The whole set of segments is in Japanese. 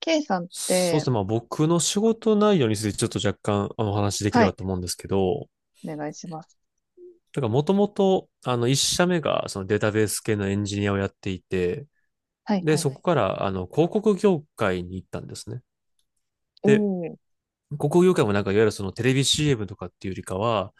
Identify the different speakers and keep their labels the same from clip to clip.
Speaker 1: K さんっ
Speaker 2: そう
Speaker 1: て、
Speaker 2: ですね。まあ僕の仕事内容についてちょっと若干お話しできれ
Speaker 1: は
Speaker 2: ば
Speaker 1: い、
Speaker 2: と思うんですけど、
Speaker 1: お願いします。
Speaker 2: だからもともと一社目がそのデータベース系のエンジニアをやっていて、
Speaker 1: はい、
Speaker 2: で、
Speaker 1: はい。
Speaker 2: そこから広告業界に行ったんですね。
Speaker 1: うん。
Speaker 2: で、
Speaker 1: おー。
Speaker 2: 広告業界もなんかいわゆるそのテレビ CM とかっていうよりかは、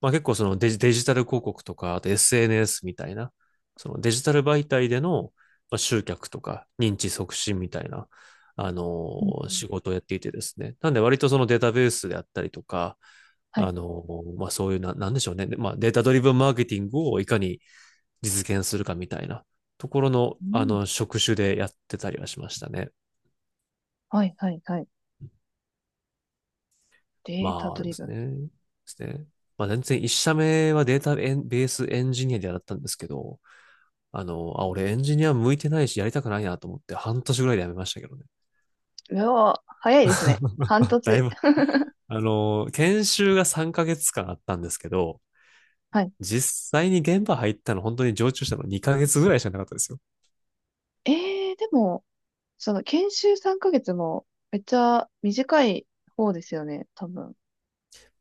Speaker 2: まあ結構そのデジタル広告とか、あと SNS みたいな、そのデジタル媒体での、まあ、集客とか認知促進みたいな、あの
Speaker 1: うんうん、
Speaker 2: 仕事をやっていてですね。なんで割とそのデータベースであったりとか、
Speaker 1: はい。
Speaker 2: まあそういうな、なんでしょうね。で、まあデータドリブンマーケティングをいかに実現するかみたいなところの、
Speaker 1: うん。
Speaker 2: 職種でやってたりはしましたね。
Speaker 1: はい、はい、はい。データ
Speaker 2: ま
Speaker 1: ド
Speaker 2: あで
Speaker 1: リブ
Speaker 2: す
Speaker 1: ン。
Speaker 2: ね。ですね。まあ全然一社目はデータベースエンジニアでやったんですけど、俺エンジニア向いてないしやりたくないなと思って半年ぐらいで辞めましたけどね。
Speaker 1: うわー、早いですね。半
Speaker 2: だい
Speaker 1: 年。
Speaker 2: ぶ。研修が3ヶ月間あったんですけど、
Speaker 1: はい。
Speaker 2: 実際に現場入ったの本当に常駐したの2ヶ月ぐらいしかなかったですよ。
Speaker 1: でも、その研修3ヶ月もめっちゃ短い方ですよね、多分。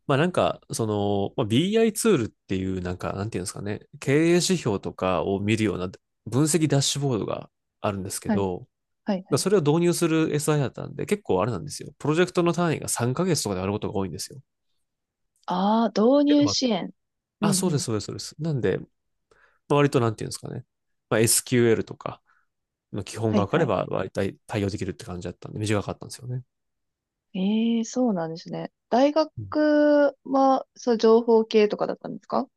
Speaker 2: BI ツールっていうなんていうんですかね、経営指標とかを見るような分析ダッシュボードがあるんですけ
Speaker 1: はい、
Speaker 2: ど、
Speaker 1: はい、はい。
Speaker 2: それを導入する SI だったんで、結構あれなんですよ。プロジェクトの単位が3ヶ月とかであることが多いんですよ。っ
Speaker 1: ああ、導
Speaker 2: ていうの
Speaker 1: 入
Speaker 2: も
Speaker 1: 支援。うん、う
Speaker 2: そうで
Speaker 1: ん。
Speaker 2: す、そうです、そうです。なんで、割となんていうんですかね。まあ、SQL とかの基本
Speaker 1: は
Speaker 2: が
Speaker 1: い、
Speaker 2: 分か
Speaker 1: は
Speaker 2: れ
Speaker 1: い。
Speaker 2: ば、割と対応できるって感じだったんで、短かったんですよね。
Speaker 1: ええー、そうなんですね。大
Speaker 2: うん。
Speaker 1: 学は、そう、情報系とかだったんですか？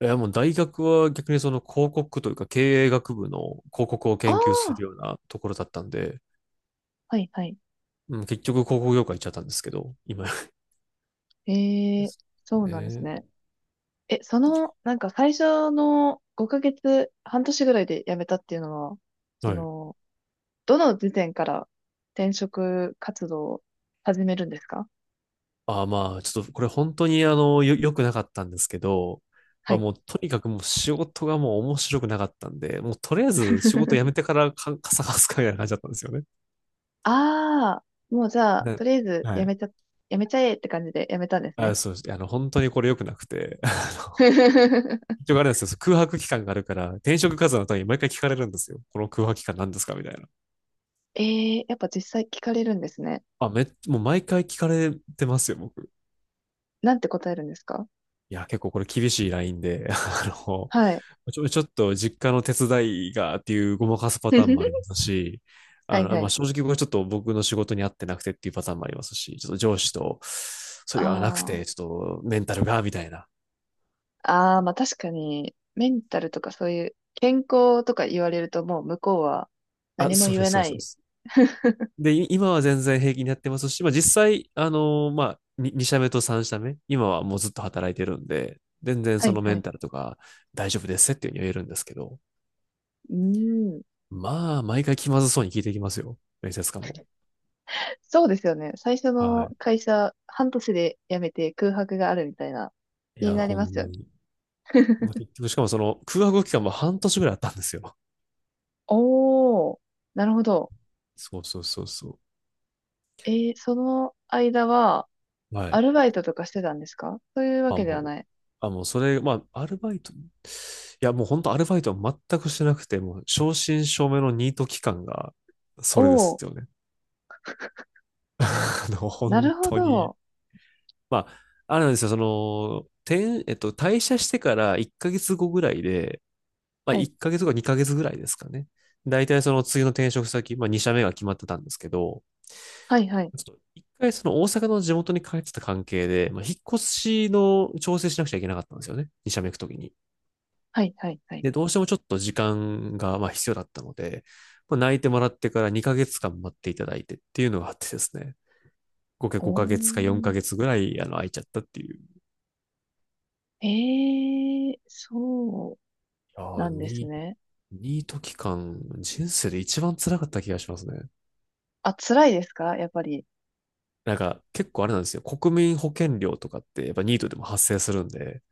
Speaker 2: いや、もう大学は逆にその広告というか経営学部の広告を
Speaker 1: ああ
Speaker 2: 研究す
Speaker 1: ー、
Speaker 2: るようなところだったんで、
Speaker 1: はい、はい。
Speaker 2: うん、結局広告業界行っちゃったんですけど、今
Speaker 1: え
Speaker 2: で
Speaker 1: え、
Speaker 2: す
Speaker 1: そうなんですね。
Speaker 2: ね。
Speaker 1: え、その、なんか最初の5ヶ月、半年ぐらいで辞めたっていうのは、そ
Speaker 2: はい。
Speaker 1: の、どの時点から転職活動を始めるんですか？
Speaker 2: まあ、ちょっとこれ本当に良くなかったんですけど、
Speaker 1: は
Speaker 2: まあ、
Speaker 1: い。
Speaker 2: もうとにかくもう仕事がもう面白くなかったんで、もうとりあえず仕事辞めてからか、傘さすかみたいな感じだったんですよね。
Speaker 1: ああ、もうじゃあ、
Speaker 2: な
Speaker 1: とりあえず
Speaker 2: はい。
Speaker 1: 辞めちゃえって感じで辞めたんです
Speaker 2: あ、
Speaker 1: ね。
Speaker 2: そうです。本当にこれ良くなくて。一応あれなんですよ。空白期間があるから、転職活動の時に毎回聞かれるんですよ。この空白期間何ですかみたいな。
Speaker 1: ええ、やっぱ実際聞かれるんですね。
Speaker 2: もう毎回聞かれてますよ、僕。
Speaker 1: なんて答えるんですか？
Speaker 2: いや、結構これ厳しいラインで、
Speaker 1: はい。
Speaker 2: ちょっと実家の手伝いがっていうごまかすパターンもありま すし、
Speaker 1: はいは
Speaker 2: まあ、
Speaker 1: い。
Speaker 2: 正直僕はちょっと僕の仕事に合ってなくてっていうパターンもありますし、ちょっと上司と、そ
Speaker 1: あ
Speaker 2: れがなくて、ち
Speaker 1: あ。
Speaker 2: ょっとメンタルが、みたいな。
Speaker 1: ああ、まあ確かに、メンタルとかそういう健康とか言われるともう向こうは
Speaker 2: あ、
Speaker 1: 何も
Speaker 2: そう
Speaker 1: 言
Speaker 2: で
Speaker 1: え
Speaker 2: す、そう
Speaker 1: な
Speaker 2: です。そうで
Speaker 1: い。
Speaker 2: す。で、今は全然平気にやってますし、まあ実際、まあ、2社目と3社目、今はもうずっと働いてるんで、全然
Speaker 1: は
Speaker 2: そ
Speaker 1: い
Speaker 2: のメ
Speaker 1: は
Speaker 2: ン
Speaker 1: い。
Speaker 2: タルとか大丈夫ですっていうふうに言えるんですけど、
Speaker 1: うーん。
Speaker 2: まあ、毎回気まずそうに聞いていきますよ。面接官も。
Speaker 1: そうですよね。最初
Speaker 2: は
Speaker 1: の会社、半年で辞めて空白があるみたいな、
Speaker 2: い。い
Speaker 1: 気に
Speaker 2: や、
Speaker 1: なり
Speaker 2: ほ
Speaker 1: ま
Speaker 2: ん
Speaker 1: すよ
Speaker 2: ま
Speaker 1: ね。
Speaker 2: に。まあ、結局、しかもその空白期間も半年ぐらいあったんですよ。
Speaker 1: おー、なるほど。
Speaker 2: そうそうそうそ
Speaker 1: その間は、
Speaker 2: う。は
Speaker 1: ア
Speaker 2: い。
Speaker 1: ルバイトとかしてたんですか？そういうわ
Speaker 2: あ、
Speaker 1: けで
Speaker 2: も
Speaker 1: は
Speaker 2: う、
Speaker 1: ない。
Speaker 2: あ、もうそれ、まあ、アルバイト、いや、もう本当アルバイトは全くしてなくて、もう正真正銘のニート期間が、それで
Speaker 1: お
Speaker 2: す
Speaker 1: ー、
Speaker 2: よね。
Speaker 1: な
Speaker 2: 本
Speaker 1: るほ
Speaker 2: 当に。
Speaker 1: ど。
Speaker 2: まあ、あるんですよ。その、転えっと、退社してから1ヶ月後ぐらいで、まあ、
Speaker 1: はい、
Speaker 2: 1ヶ月か2ヶ月ぐらいですかね。大体その次の転職先、まあ、2社目が決まってたんですけど、
Speaker 1: はいはい、
Speaker 2: ちょっと一回その大阪の地元に帰ってた関係で、まあ、引っ越しの調整しなくちゃいけなかったんですよね。2社目行くときに。
Speaker 1: はいはいはい。
Speaker 2: で、どうしてもちょっと時間がまあ必要だったので、まあ、泣いてもらってから2ヶ月間待っていただいてっていうのがあってですね。合計
Speaker 1: お
Speaker 2: 5ヶ月か4ヶ
Speaker 1: ー。
Speaker 2: 月ぐらい、空いちゃったっていう。
Speaker 1: ええ、そう
Speaker 2: いや
Speaker 1: なんです
Speaker 2: ニ
Speaker 1: ね。
Speaker 2: ニート期間、人生で一番辛かった気がしますね。
Speaker 1: あ、辛いですか、やっぱり？
Speaker 2: なんか、結構あれなんですよ。国民保険料とかって、やっぱニートでも発生するんで、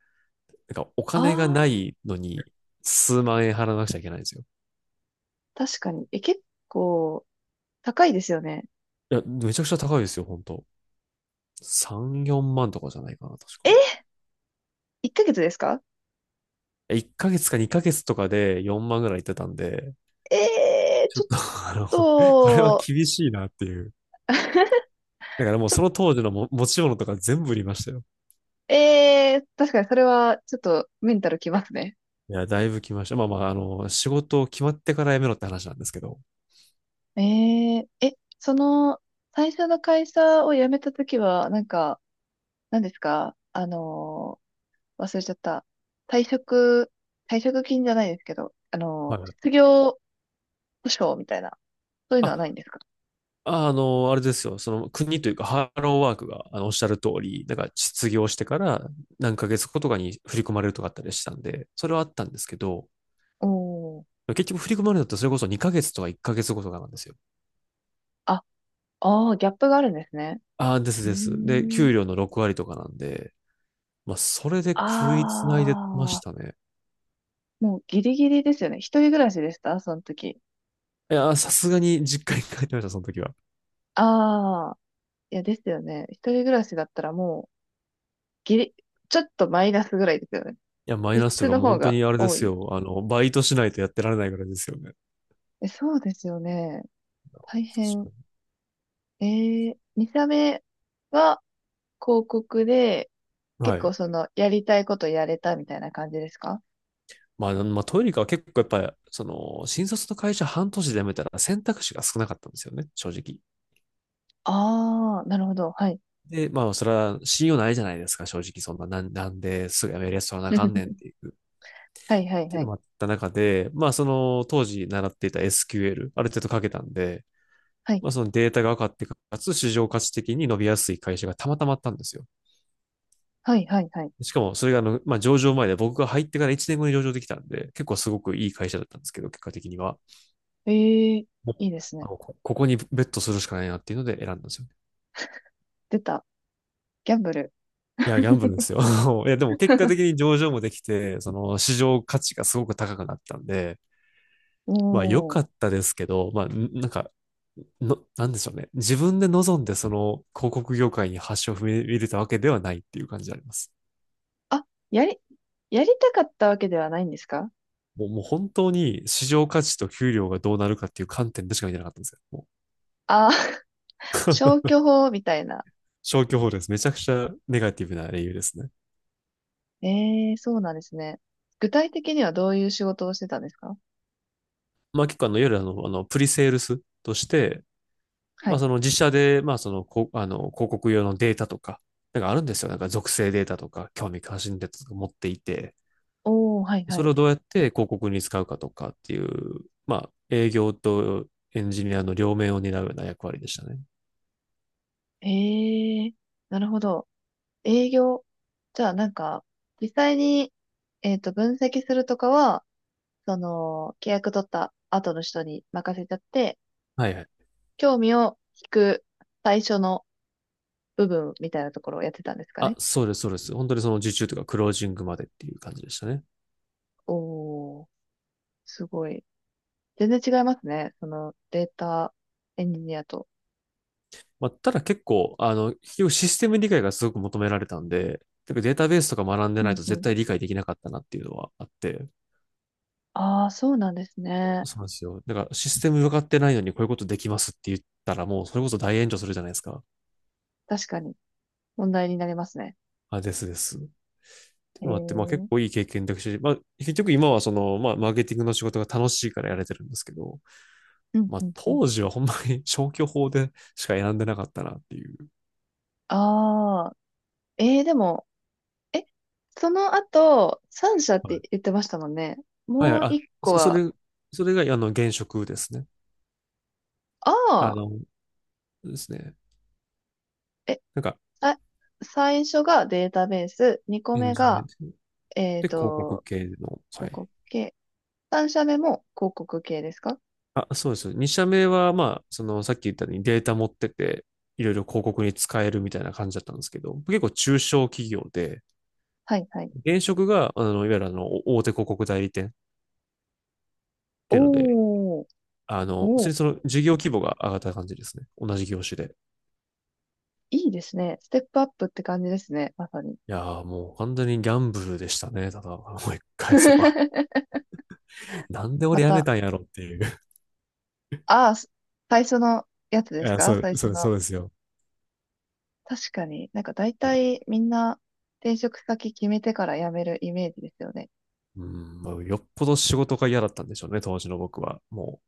Speaker 2: なんか、お
Speaker 1: あ
Speaker 2: 金が
Speaker 1: あ、
Speaker 2: ないのに、数万円払わなくちゃいけないんですよ。
Speaker 1: 確かに。え、結構高いですよね。
Speaker 2: いや、めちゃくちゃ高いですよ、本当。3、4万とかじゃないかな、確か。
Speaker 1: え、1ヶ月ですか？
Speaker 2: 1ヶ月か2ヶ月とかで4万ぐらいいってたんで、ちょ
Speaker 1: ちょ
Speaker 2: っ
Speaker 1: っ
Speaker 2: と あの、これは
Speaker 1: と、
Speaker 2: 厳しいなっていう。だからもう
Speaker 1: ちょっ
Speaker 2: そ
Speaker 1: と、
Speaker 2: の当時の持ち物とか全部売りましたよ。
Speaker 1: 確かにそれはちょっとメンタルきますね。
Speaker 2: いや、だいぶ来ました。まあまあ、仕事を決まってから辞めろって話なんですけど。
Speaker 1: その、最初の会社を辞めたときは、なんか、何ですか？忘れちゃった。退職、退職金じゃないですけど、
Speaker 2: はい。
Speaker 1: 失業保障みたいな、そういうのはないん
Speaker 2: あ、
Speaker 1: ですか？
Speaker 2: あの、あれですよ。その国というか、ハローワークが、おっしゃる通り、なんか失業してから何ヶ月後とかに振り込まれるとかあったりしたんで、それはあったんですけど、
Speaker 1: おー。
Speaker 2: 結局振り込まれるのってそれこそ2ヶ月とか1ヶ月後とかなんですよ。
Speaker 1: あ、ああ、ギャップがあるんですね。
Speaker 2: ああ、です
Speaker 1: うー
Speaker 2: です。で、
Speaker 1: ん。
Speaker 2: 給料の6割とかなんで、まあ、それで
Speaker 1: あ
Speaker 2: 食いつないでまし
Speaker 1: あ、
Speaker 2: たね。
Speaker 1: もうギリギリですよね。一人暮らしでしたその時？
Speaker 2: いや、さすがに実家に帰ってました、その時は。
Speaker 1: ああ、いや、ですよね。一人暮らしだったらもう、ギリ、ちょっとマイナスぐらいですよね。
Speaker 2: いや、マイ
Speaker 1: 実
Speaker 2: ナスと
Speaker 1: 質
Speaker 2: か
Speaker 1: の
Speaker 2: もう
Speaker 1: 方
Speaker 2: 本当
Speaker 1: が
Speaker 2: にあれで
Speaker 1: 多
Speaker 2: す
Speaker 1: い。
Speaker 2: よ。バイトしないとやってられないぐらいですよね。
Speaker 1: え、そうですよね。大
Speaker 2: 確
Speaker 1: 変。
Speaker 2: か
Speaker 1: 2社目は広告で、
Speaker 2: に。は
Speaker 1: 結構
Speaker 2: い。
Speaker 1: その、やりたいことやれたみたいな感じですか？
Speaker 2: まあ、まあ、トイレカは結構やっぱり、その、新卒の会社半年で辞めたら選択肢が少なかったんですよね、正直。
Speaker 1: ああー、なるほど。はい。
Speaker 2: で、まあ、それは信用ないじゃないですか、正直。そんな、なんですぐ辞めるやつ取らなあかんねんっ ていう。っ
Speaker 1: はいはい
Speaker 2: ていう
Speaker 1: は
Speaker 2: の
Speaker 1: い。
Speaker 2: もあった中で、まあ、その、当時習っていた SQL、ある程度書けたんで、
Speaker 1: はい
Speaker 2: まあ、そのデータが分かって、かつ市場価値的に伸びやすい会社がたまたまあったんですよ。
Speaker 1: はいはいはい。
Speaker 2: しかも、それがまあ、上場前で僕が入ってから1年後に上場できたんで、結構すごくいい会社だったんですけど、結果的には。
Speaker 1: ええ、
Speaker 2: も
Speaker 1: い
Speaker 2: う
Speaker 1: いですね。
Speaker 2: ここにベットするしかないなっていうので選んだんですよね。
Speaker 1: 出た。ギャンブル。
Speaker 2: いや、ギャンブルですよ。いや、でも結果的 に上場もできて、その市場価値がすごく高くなったんで、
Speaker 1: お
Speaker 2: まあ良
Speaker 1: お。
Speaker 2: かったですけど、まあ、なんか、なんでしょうね。自分で望んでその広告業界に橋を踏み入れたわけではないっていう感じであります。
Speaker 1: あ、やり、やりたかったわけではないんですか？
Speaker 2: もう本当に市場価値と給料がどうなるかっていう観点でしか見てなかったんですよ。もう
Speaker 1: ああー、消去法みたいな。
Speaker 2: 消去法です。めちゃくちゃネガティブな理由ですね。
Speaker 1: ええ、そうなんですね。具体的にはどういう仕事をしてたんですか？
Speaker 2: まあ結構あの、いわゆるあの、あのプリセールスとして、
Speaker 1: は
Speaker 2: まあ
Speaker 1: い。
Speaker 2: その自社で、まあ、広告用のデータとか、なんかあるんですよ。なんか属性データとか、興味関心データとか持っていて、
Speaker 1: おお、はいは
Speaker 2: そ
Speaker 1: い。
Speaker 2: れをどうやって広告に使うかとかっていう、まあ営業とエンジニアの両面を担うような役割でしたね。
Speaker 1: ええ、なるほど。営業。じゃあなんか、実際に、分析するとかは、その、契約取った後の人に任せちゃって、
Speaker 2: はいはい。
Speaker 1: 興味を引く最初の部分みたいなところをやってたんですか
Speaker 2: あ、
Speaker 1: ね。
Speaker 2: そうです、そうです。本当にその受注とかクロージングまでっていう感じでしたね。
Speaker 1: おー、すごい。全然違いますね。そのデータエンジニアと。
Speaker 2: まあ、ただ結構、結局システム理解がすごく求められたんで、てかデータベースとか学んで
Speaker 1: う
Speaker 2: ない
Speaker 1: ん
Speaker 2: と
Speaker 1: う
Speaker 2: 絶
Speaker 1: ん。
Speaker 2: 対理解できなかったなっていうのはあって、
Speaker 1: ああ、そうなんですね。
Speaker 2: そうなんですよ。だからシステム分かってないのにこういうことできますって言ったらもうそれこそ大炎上するじゃないですか。
Speaker 1: 確かに問題になりますね。
Speaker 2: あ、ですです。っていう
Speaker 1: へえ。
Speaker 2: のもあって、まあ結
Speaker 1: うん
Speaker 2: 構いい経験だし、まあ結局今はその、まあマーケティングの仕事が楽しいからやれてるんですけど、
Speaker 1: うん
Speaker 2: まあ
Speaker 1: うん。
Speaker 2: 当時はほんまに 消去法でしか選んでなかったなっていう。
Speaker 1: ああ、でも、え、その後、3社っ
Speaker 2: は
Speaker 1: て
Speaker 2: い。
Speaker 1: 言ってましたもんね。
Speaker 2: はいは
Speaker 1: も
Speaker 2: い、
Speaker 1: う
Speaker 2: あ、
Speaker 1: 一個
Speaker 2: そ、そ
Speaker 1: は、
Speaker 2: れ、それがあの現職ですね。
Speaker 1: あ
Speaker 2: あ
Speaker 1: あ、
Speaker 2: の、ですね。
Speaker 1: え、
Speaker 2: なんか、
Speaker 1: さ最初がデータベース、2個
Speaker 2: エン
Speaker 1: 目
Speaker 2: ジニア
Speaker 1: が、
Speaker 2: ですね、
Speaker 1: えっ
Speaker 2: で広告
Speaker 1: と、
Speaker 2: 系の、は
Speaker 1: 広
Speaker 2: い。
Speaker 1: 告系、3社目も広告系ですか？
Speaker 2: あ、そうです。2社目は、まあ、その、さっき言ったようにデータ持ってて、いろいろ広告に使えるみたいな感じだったんですけど、結構中小企業で、
Speaker 1: はいはい。
Speaker 2: 現職が、あの、いわゆるあの、大手広告代理店っていうので、
Speaker 1: おー、
Speaker 2: 普
Speaker 1: お
Speaker 2: 通
Speaker 1: ー、
Speaker 2: にその事業規模が上がった感じですね。同じ業種で。
Speaker 1: いいですね。ステップアップって感じですね。まさに。
Speaker 2: いやーもう完全にギャンブルでしたね。ただ、思い返せば。なんで
Speaker 1: ま
Speaker 2: 俺辞め
Speaker 1: た、
Speaker 2: たんやろっていう。
Speaker 1: ああ、最初のやつ で
Speaker 2: い
Speaker 1: す
Speaker 2: や、
Speaker 1: か？最初の？
Speaker 2: そうですよ。
Speaker 1: 確かに、なんか大
Speaker 2: いや
Speaker 1: 体みんな転職先決めてから辞めるイメージですよね。
Speaker 2: うん、まあ、よっぽど仕事が嫌だったんでしょうね、当時の僕は。も